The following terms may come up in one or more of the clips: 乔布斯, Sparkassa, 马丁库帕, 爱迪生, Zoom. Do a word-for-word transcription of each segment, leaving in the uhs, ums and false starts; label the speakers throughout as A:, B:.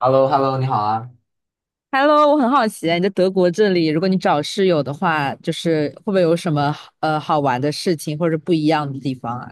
A: h e l l o h e l l o 你好啊！
B: Hello，我很好奇，你在德国这里，如果你找室友的话，就是会不会有什么呃好玩的事情或者不一样的地方啊？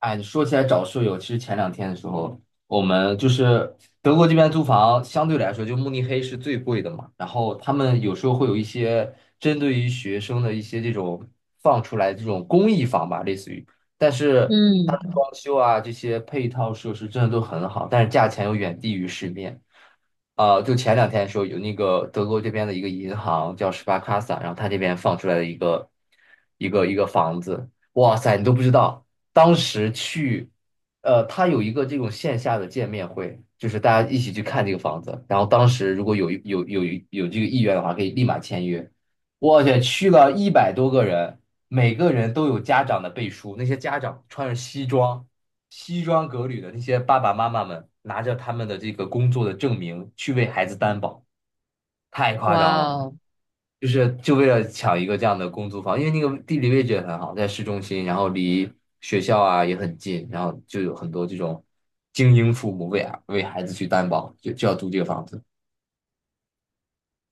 A: 哎，说起来找舍友，其实前两天的时候，我们就是德国这边租房相对来说，就慕尼黑是最贵的嘛。然后他们有时候会有一些针对于学生的一些这种放出来这种公益房吧，类似于，但是它
B: 嗯，
A: 的装修啊这些配套设施真的都很好，但是价钱又远低于市面。呃，就前两天的时候，有那个德国这边的一个银行叫 s p a r k a s s a 然后他这边放出来的一个一个一个房子，哇塞，你都不知道，当时去，呃，他有一个这种线下的见面会，就是大家一起去看这个房子，然后当时如果有有有有这个意愿的话，可以立马签约。我去，去了一百多个人，每个人都有家长的背书，那些家长穿着西装、西装革履的那些爸爸妈妈们，拿着他们的这个工作的证明去为孩子担保，太夸张
B: 哇
A: 了。
B: 哦！
A: 就是就为了抢一个这样的公租房，因为那个地理位置也很好，在市中心，然后离学校啊也很近，然后就有很多这种精英父母为啊为孩子去担保，就就要租这个房子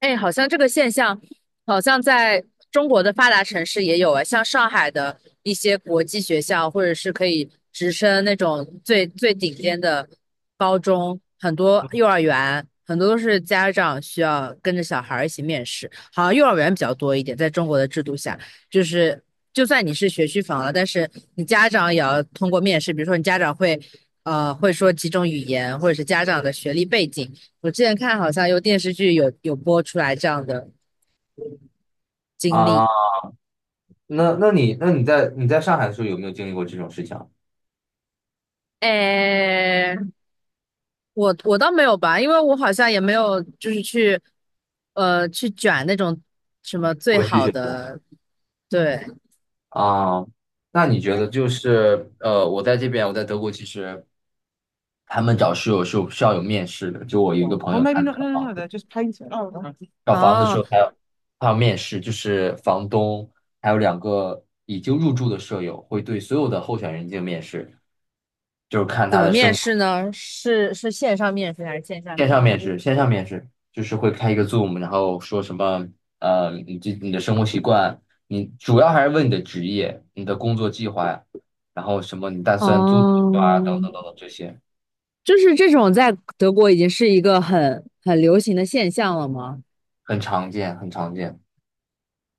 B: 哎，好像这个现象，好像在中国的发达城市也有啊，像上海的一些国际学校，或者是可以直升那种最最顶尖的高中，很多幼儿园，很多都是家长需要跟着小孩儿一起面试，好像幼儿园比较多一点，在中国的制度下，就是就算你是学区房了，但是你家长也要通过面试，比如说你家长会，呃，会说几种语言，或者是家长的学历背景。我之前看好像有电视剧有有播出来这样的经历。
A: 啊。那那你那你在你在上海的时候有没有经历过这种事情啊？
B: 诶，我我倒没有吧，因为我好像也没有就是去呃去卷那种什么最
A: 我去继
B: 好
A: 续。
B: 的，对，
A: 啊，那你觉得就是呃，我在这边，我在德国，其实他们找室友是有需要有面试的。就我有一个朋
B: o
A: 友，他
B: maybe not.
A: 找
B: No, no,
A: 房
B: no. t h e
A: 子，
B: y just painted. Oh, o h
A: 找房子的时
B: 哦，
A: 候还要还要面试，就是房东还有两个已经入住的舍友会对所有的候选人进行面试，就是看
B: 怎
A: 他
B: 么
A: 的
B: 面
A: 生活。
B: 试呢？是是线上面试还是线下
A: 线上
B: 面
A: 面试，
B: 试？
A: 线上面试就是会开一个 Zoom，然后说什么呃，你这你的生活习惯，你主要还是问你的职业、你的工作计划呀，然后什么你打算租多
B: 哦，
A: 久啊，等等等等这些。
B: 就是这种在德国已经是一个很很流行的现象了吗？
A: 很常见，很常见。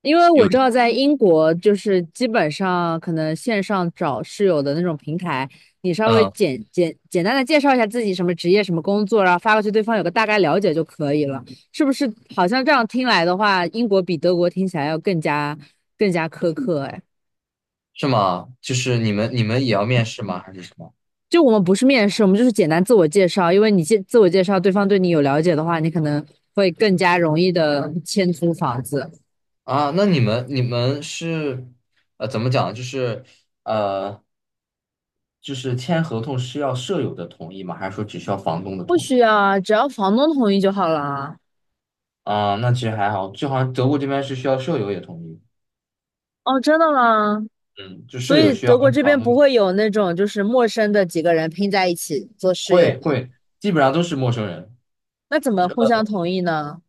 B: 因为我
A: 有，
B: 知道在英国，就是基本上可能线上找室友的那种平台，你稍微
A: 嗯，
B: 简简简单的介绍一下自己什么职业、什么工作，然后发过去，对方有个大概了解就可以了，是不是？好像这样听来的话，英国比德国听起来要更加更加苛刻，哎，
A: 是吗？就是你们你们也要面试吗？还是什么？
B: 就我们不是面试，我们就是简单自我介绍，因为你介自我介绍，对方对你有了解的话，你可能会更加容易的签租房子。
A: 啊，那你们你们是，呃，怎么讲？就是呃，就是签合同是要舍友的同意吗？还是说只需要房东的
B: 不
A: 同意？
B: 需要，只要房东同意就好了。
A: 啊，那其实还好，就好像德国这边是需要舍友也同意，
B: 哦，真的吗？
A: 嗯，就
B: 所
A: 舍友
B: 以
A: 需要
B: 德国
A: 跟
B: 这
A: 房
B: 边
A: 东。
B: 不会有那种就是陌生的几个人拼在一起做室友
A: 会
B: 吗？
A: 会，基本上都是陌生人。
B: 那怎么互相同意呢？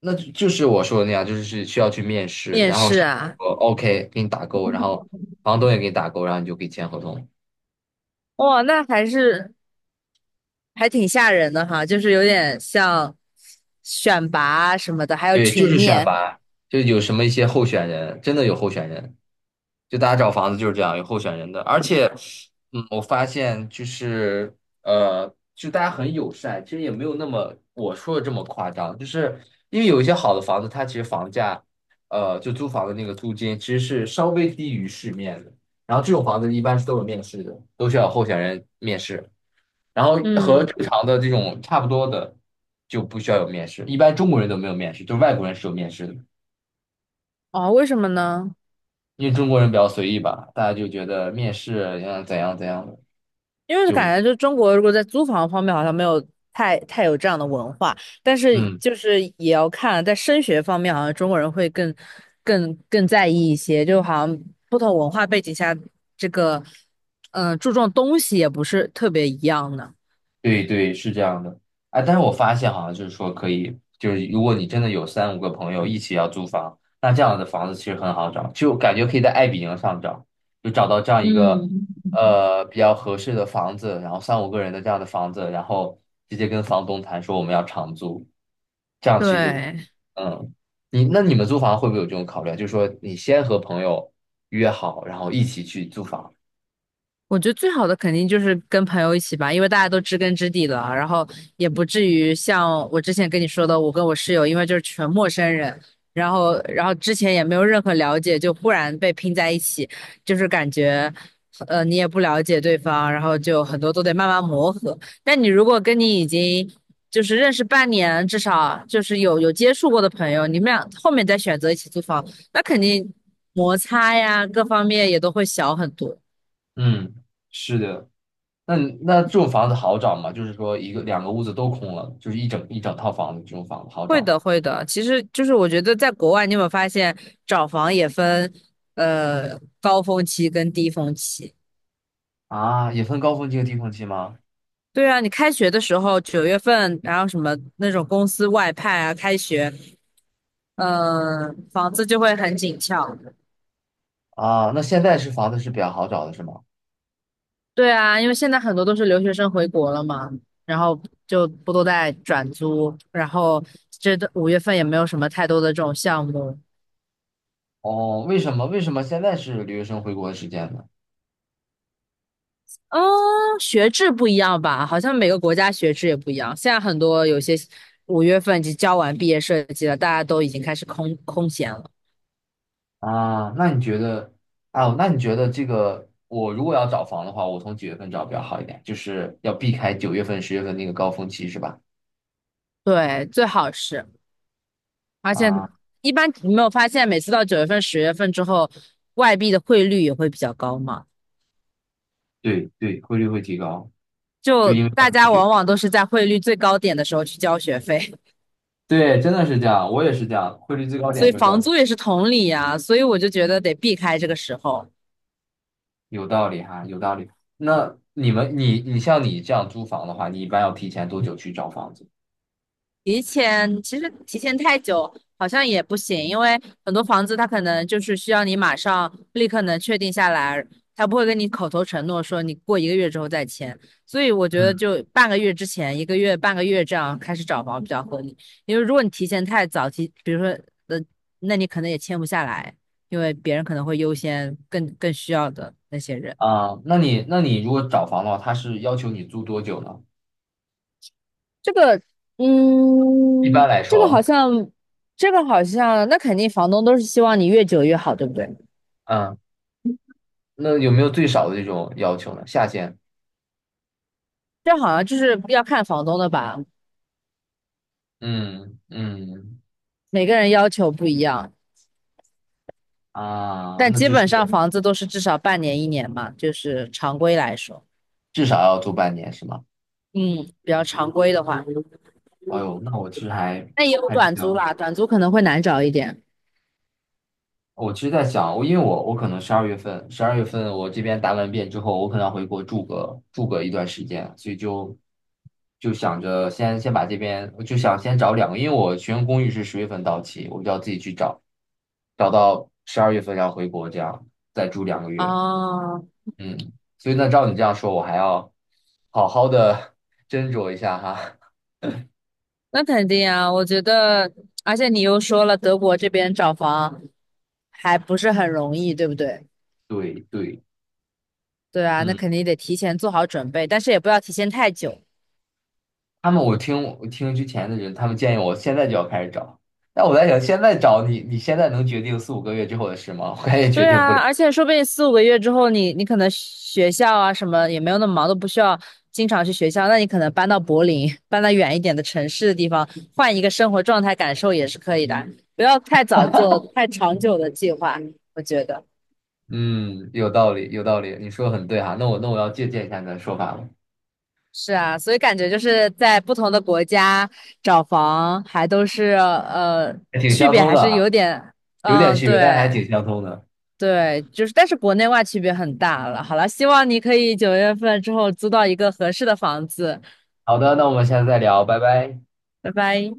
A: 那就就是我说的那样，就是是需要去面试，
B: 面
A: 然后
B: 试
A: 上面
B: 啊，
A: 说 OK 给你打勾，然后房东也给你打勾，然后你就可以签合同。
B: 哇，那还是还挺吓人的哈，就是有点像选拔啊什么的，还有
A: 对，就
B: 群
A: 是选
B: 面
A: 拔，就有什么一些候选人，真的有候选人。就大家找房子就是这样，有候选人的，而且，嗯，我发现就是呃，就大家很友善，其实也没有那么我说的这么夸张，就是因为有一些好的房子，它其实房价，呃，就租房的那个租金其实是稍微低于市面的，然后这种房子一般是都有面试的，都需要有候选人面试，然后和正常的这种差不多的就不需要有面试，一般中国人都没有面试，就外国人是有面试的。
B: 哦，为什么呢？
A: 因为中国人比较随意吧，大家就觉得面试要怎样怎样的，
B: 因为
A: 就
B: 感觉就中国如果在租房方面好像没有太太有这样的文化，但是
A: 嗯。
B: 就是也要看在升学方面，好像中国人会更更更在意一些，就好像不同文化背景下，这个嗯、呃注重东西也不是特别一样的。
A: 对对，是这样的。哎，但是我发现好像就是说可以，就是如果你真的有三五个朋友一起要租房，那这样的房子其实很好找，就感觉可以在爱彼迎上找，就找到这样一个
B: 嗯，
A: 呃比较合适的房子，然后三五个人的这样的房子，然后直接跟房东谈说我们要长租，这样其实就
B: 对，
A: 嗯，你那你们租房会不会有这种考虑啊？就是说你先和朋友约好，然后一起去租房。
B: 我觉得最好的肯定就是跟朋友一起吧，因为大家都知根知底了，然后也不至于像我之前跟你说的，我跟我室友，因为就是全陌生人，然后然后之前也没有任何了解，就忽然被拼在一起，就是感觉，呃，你也不了解对方，然后就很多都得慢慢磨合。但你如果跟你已经就是认识半年，至少就是有有接触过的朋友，你们俩后面再选择一起租房，那肯定摩擦呀各方面也都会小很多。
A: 嗯，是的，那你那这种房子好找吗？就是说一个两个屋子都空了，就是一整一整套房子，这种房子好
B: 会
A: 找吗？
B: 的，会的。其实就是我觉得在国外，你有没有发现找房也分呃高峰期跟低峰期？
A: 啊，也分高峰期和低峰期吗？
B: 对啊，你开学的时候九月份，然后什么那种公司外派啊，开学，呃，房子就会很紧俏。
A: 啊，那现在是房子是比较好找的是吗？
B: 对啊，因为现在很多都是留学生回国了嘛，然后就不都在转租，然后这五月份也没有什么太多的这种项目，
A: 哦，为什么为什么现在是留学生回国的时间呢？
B: 嗯，学制不一样吧？好像每个国家学制也不一样。现在很多有些五月份已经交完毕业设计了，大家都已经开始空空闲了。
A: 啊，那你觉得，啊，那你觉得这个我如果要找房的话，我从几月份找比较好一点？就是要避开九月份、十月份那个高峰期是吧？
B: 对，最好是，而且
A: 啊，
B: 一般你没有发现，每次到九月份、十月份之后，外币的汇率也会比较高嘛？
A: 对对，汇率会提高，就
B: 就
A: 因为要
B: 大
A: 入
B: 家
A: 学。
B: 往往都是在汇率最高点的时候去交学费，
A: 对，真的是这样，我也是这样，汇率最 高
B: 所
A: 点
B: 以
A: 就交。
B: 房租也是同理呀、所以我就觉得得避开这个时候。
A: 有道理哈，有道理。那你们，你你像你这样租房的话，你一般要提前多久去找房子？
B: 提前其实提前太久好像也不行，因为很多房子它可能就是需要你马上立刻能确定下来，他不会跟你口头承诺说你过一个月之后再签，所以我觉得
A: 嗯，
B: 就半个月之前，一个月半个月这样开始找房比较合理，因为如果你提前太早提，比如说呃，那你可能也签不下来，因为别人可能会优先更更需要的那些人。
A: 啊？那你那你如果找房的话，他是要求你租多久呢？
B: 这个，
A: 一
B: 嗯，
A: 般来
B: 这个好
A: 说，
B: 像，这个好像，那肯定房东都是希望你越久越好，对不对？
A: 嗯，那有没有最少的这种要求呢？下限？
B: 这好像就是要看房东的吧，
A: 嗯嗯
B: 每个人要求不一样，
A: 啊，
B: 但
A: 那
B: 基
A: 就
B: 本上
A: 是
B: 房子都是至少半年一年嘛，就是常规来说，
A: 至少要租半年是吗？
B: 嗯，比较常规的话，
A: 哎呦，那我其实还
B: 那也有
A: 还比
B: 短租
A: 较
B: 啦，短租可能会难找一点。
A: 我其实在想，我因为我我可能十二月份，十二月份我这边答完辩之后，我可能要回国住个住个一段时间，所以就就想着先先把这边，我就想先找两个，因为我学生公寓是十月份到期，我就要自己去找，找到十二月份要回国，这样再住两个月。
B: 哦，
A: 嗯，所以那照你这样说，我还要好好的 斟酌一下哈。
B: 那肯定啊，我觉得，而且你又说了，德国这边找房还不是很容易，对不对？
A: 对对，
B: 对啊，那
A: 嗯。
B: 肯定得提前做好准备，但是也不要提前太久。
A: 他们我听我听之前的人，他们建议我现在就要开始找，但我在想，现在找你，你现在能决定四五个月之后的事吗？我也决
B: 对
A: 定不
B: 啊，
A: 了。
B: 而且说不定四五个月之后你，你可能学校啊什么也没有那么忙，都不需要经常去学校。那你可能搬到柏林，搬到远一点的城市的地方，换一个生活状态感受也是可以的。不要太早做太长久的计划，我觉得
A: 嗯，有道理，有道理，你说的很对哈。那我那我要借鉴一下你的说法了，
B: 是啊。所以感觉就是在不同的国家找房，还都是呃
A: 还挺
B: 区
A: 相
B: 别
A: 通
B: 还
A: 的
B: 是有
A: 啊，
B: 点，
A: 有点
B: 嗯，
A: 区别，但是还
B: 对。
A: 挺相通的。
B: 对，就是，但是国内外区别很大了。好了，希望你可以九月份之后租到一个合适的房子。
A: 好的，那我们下次再聊，拜拜。
B: 拜拜。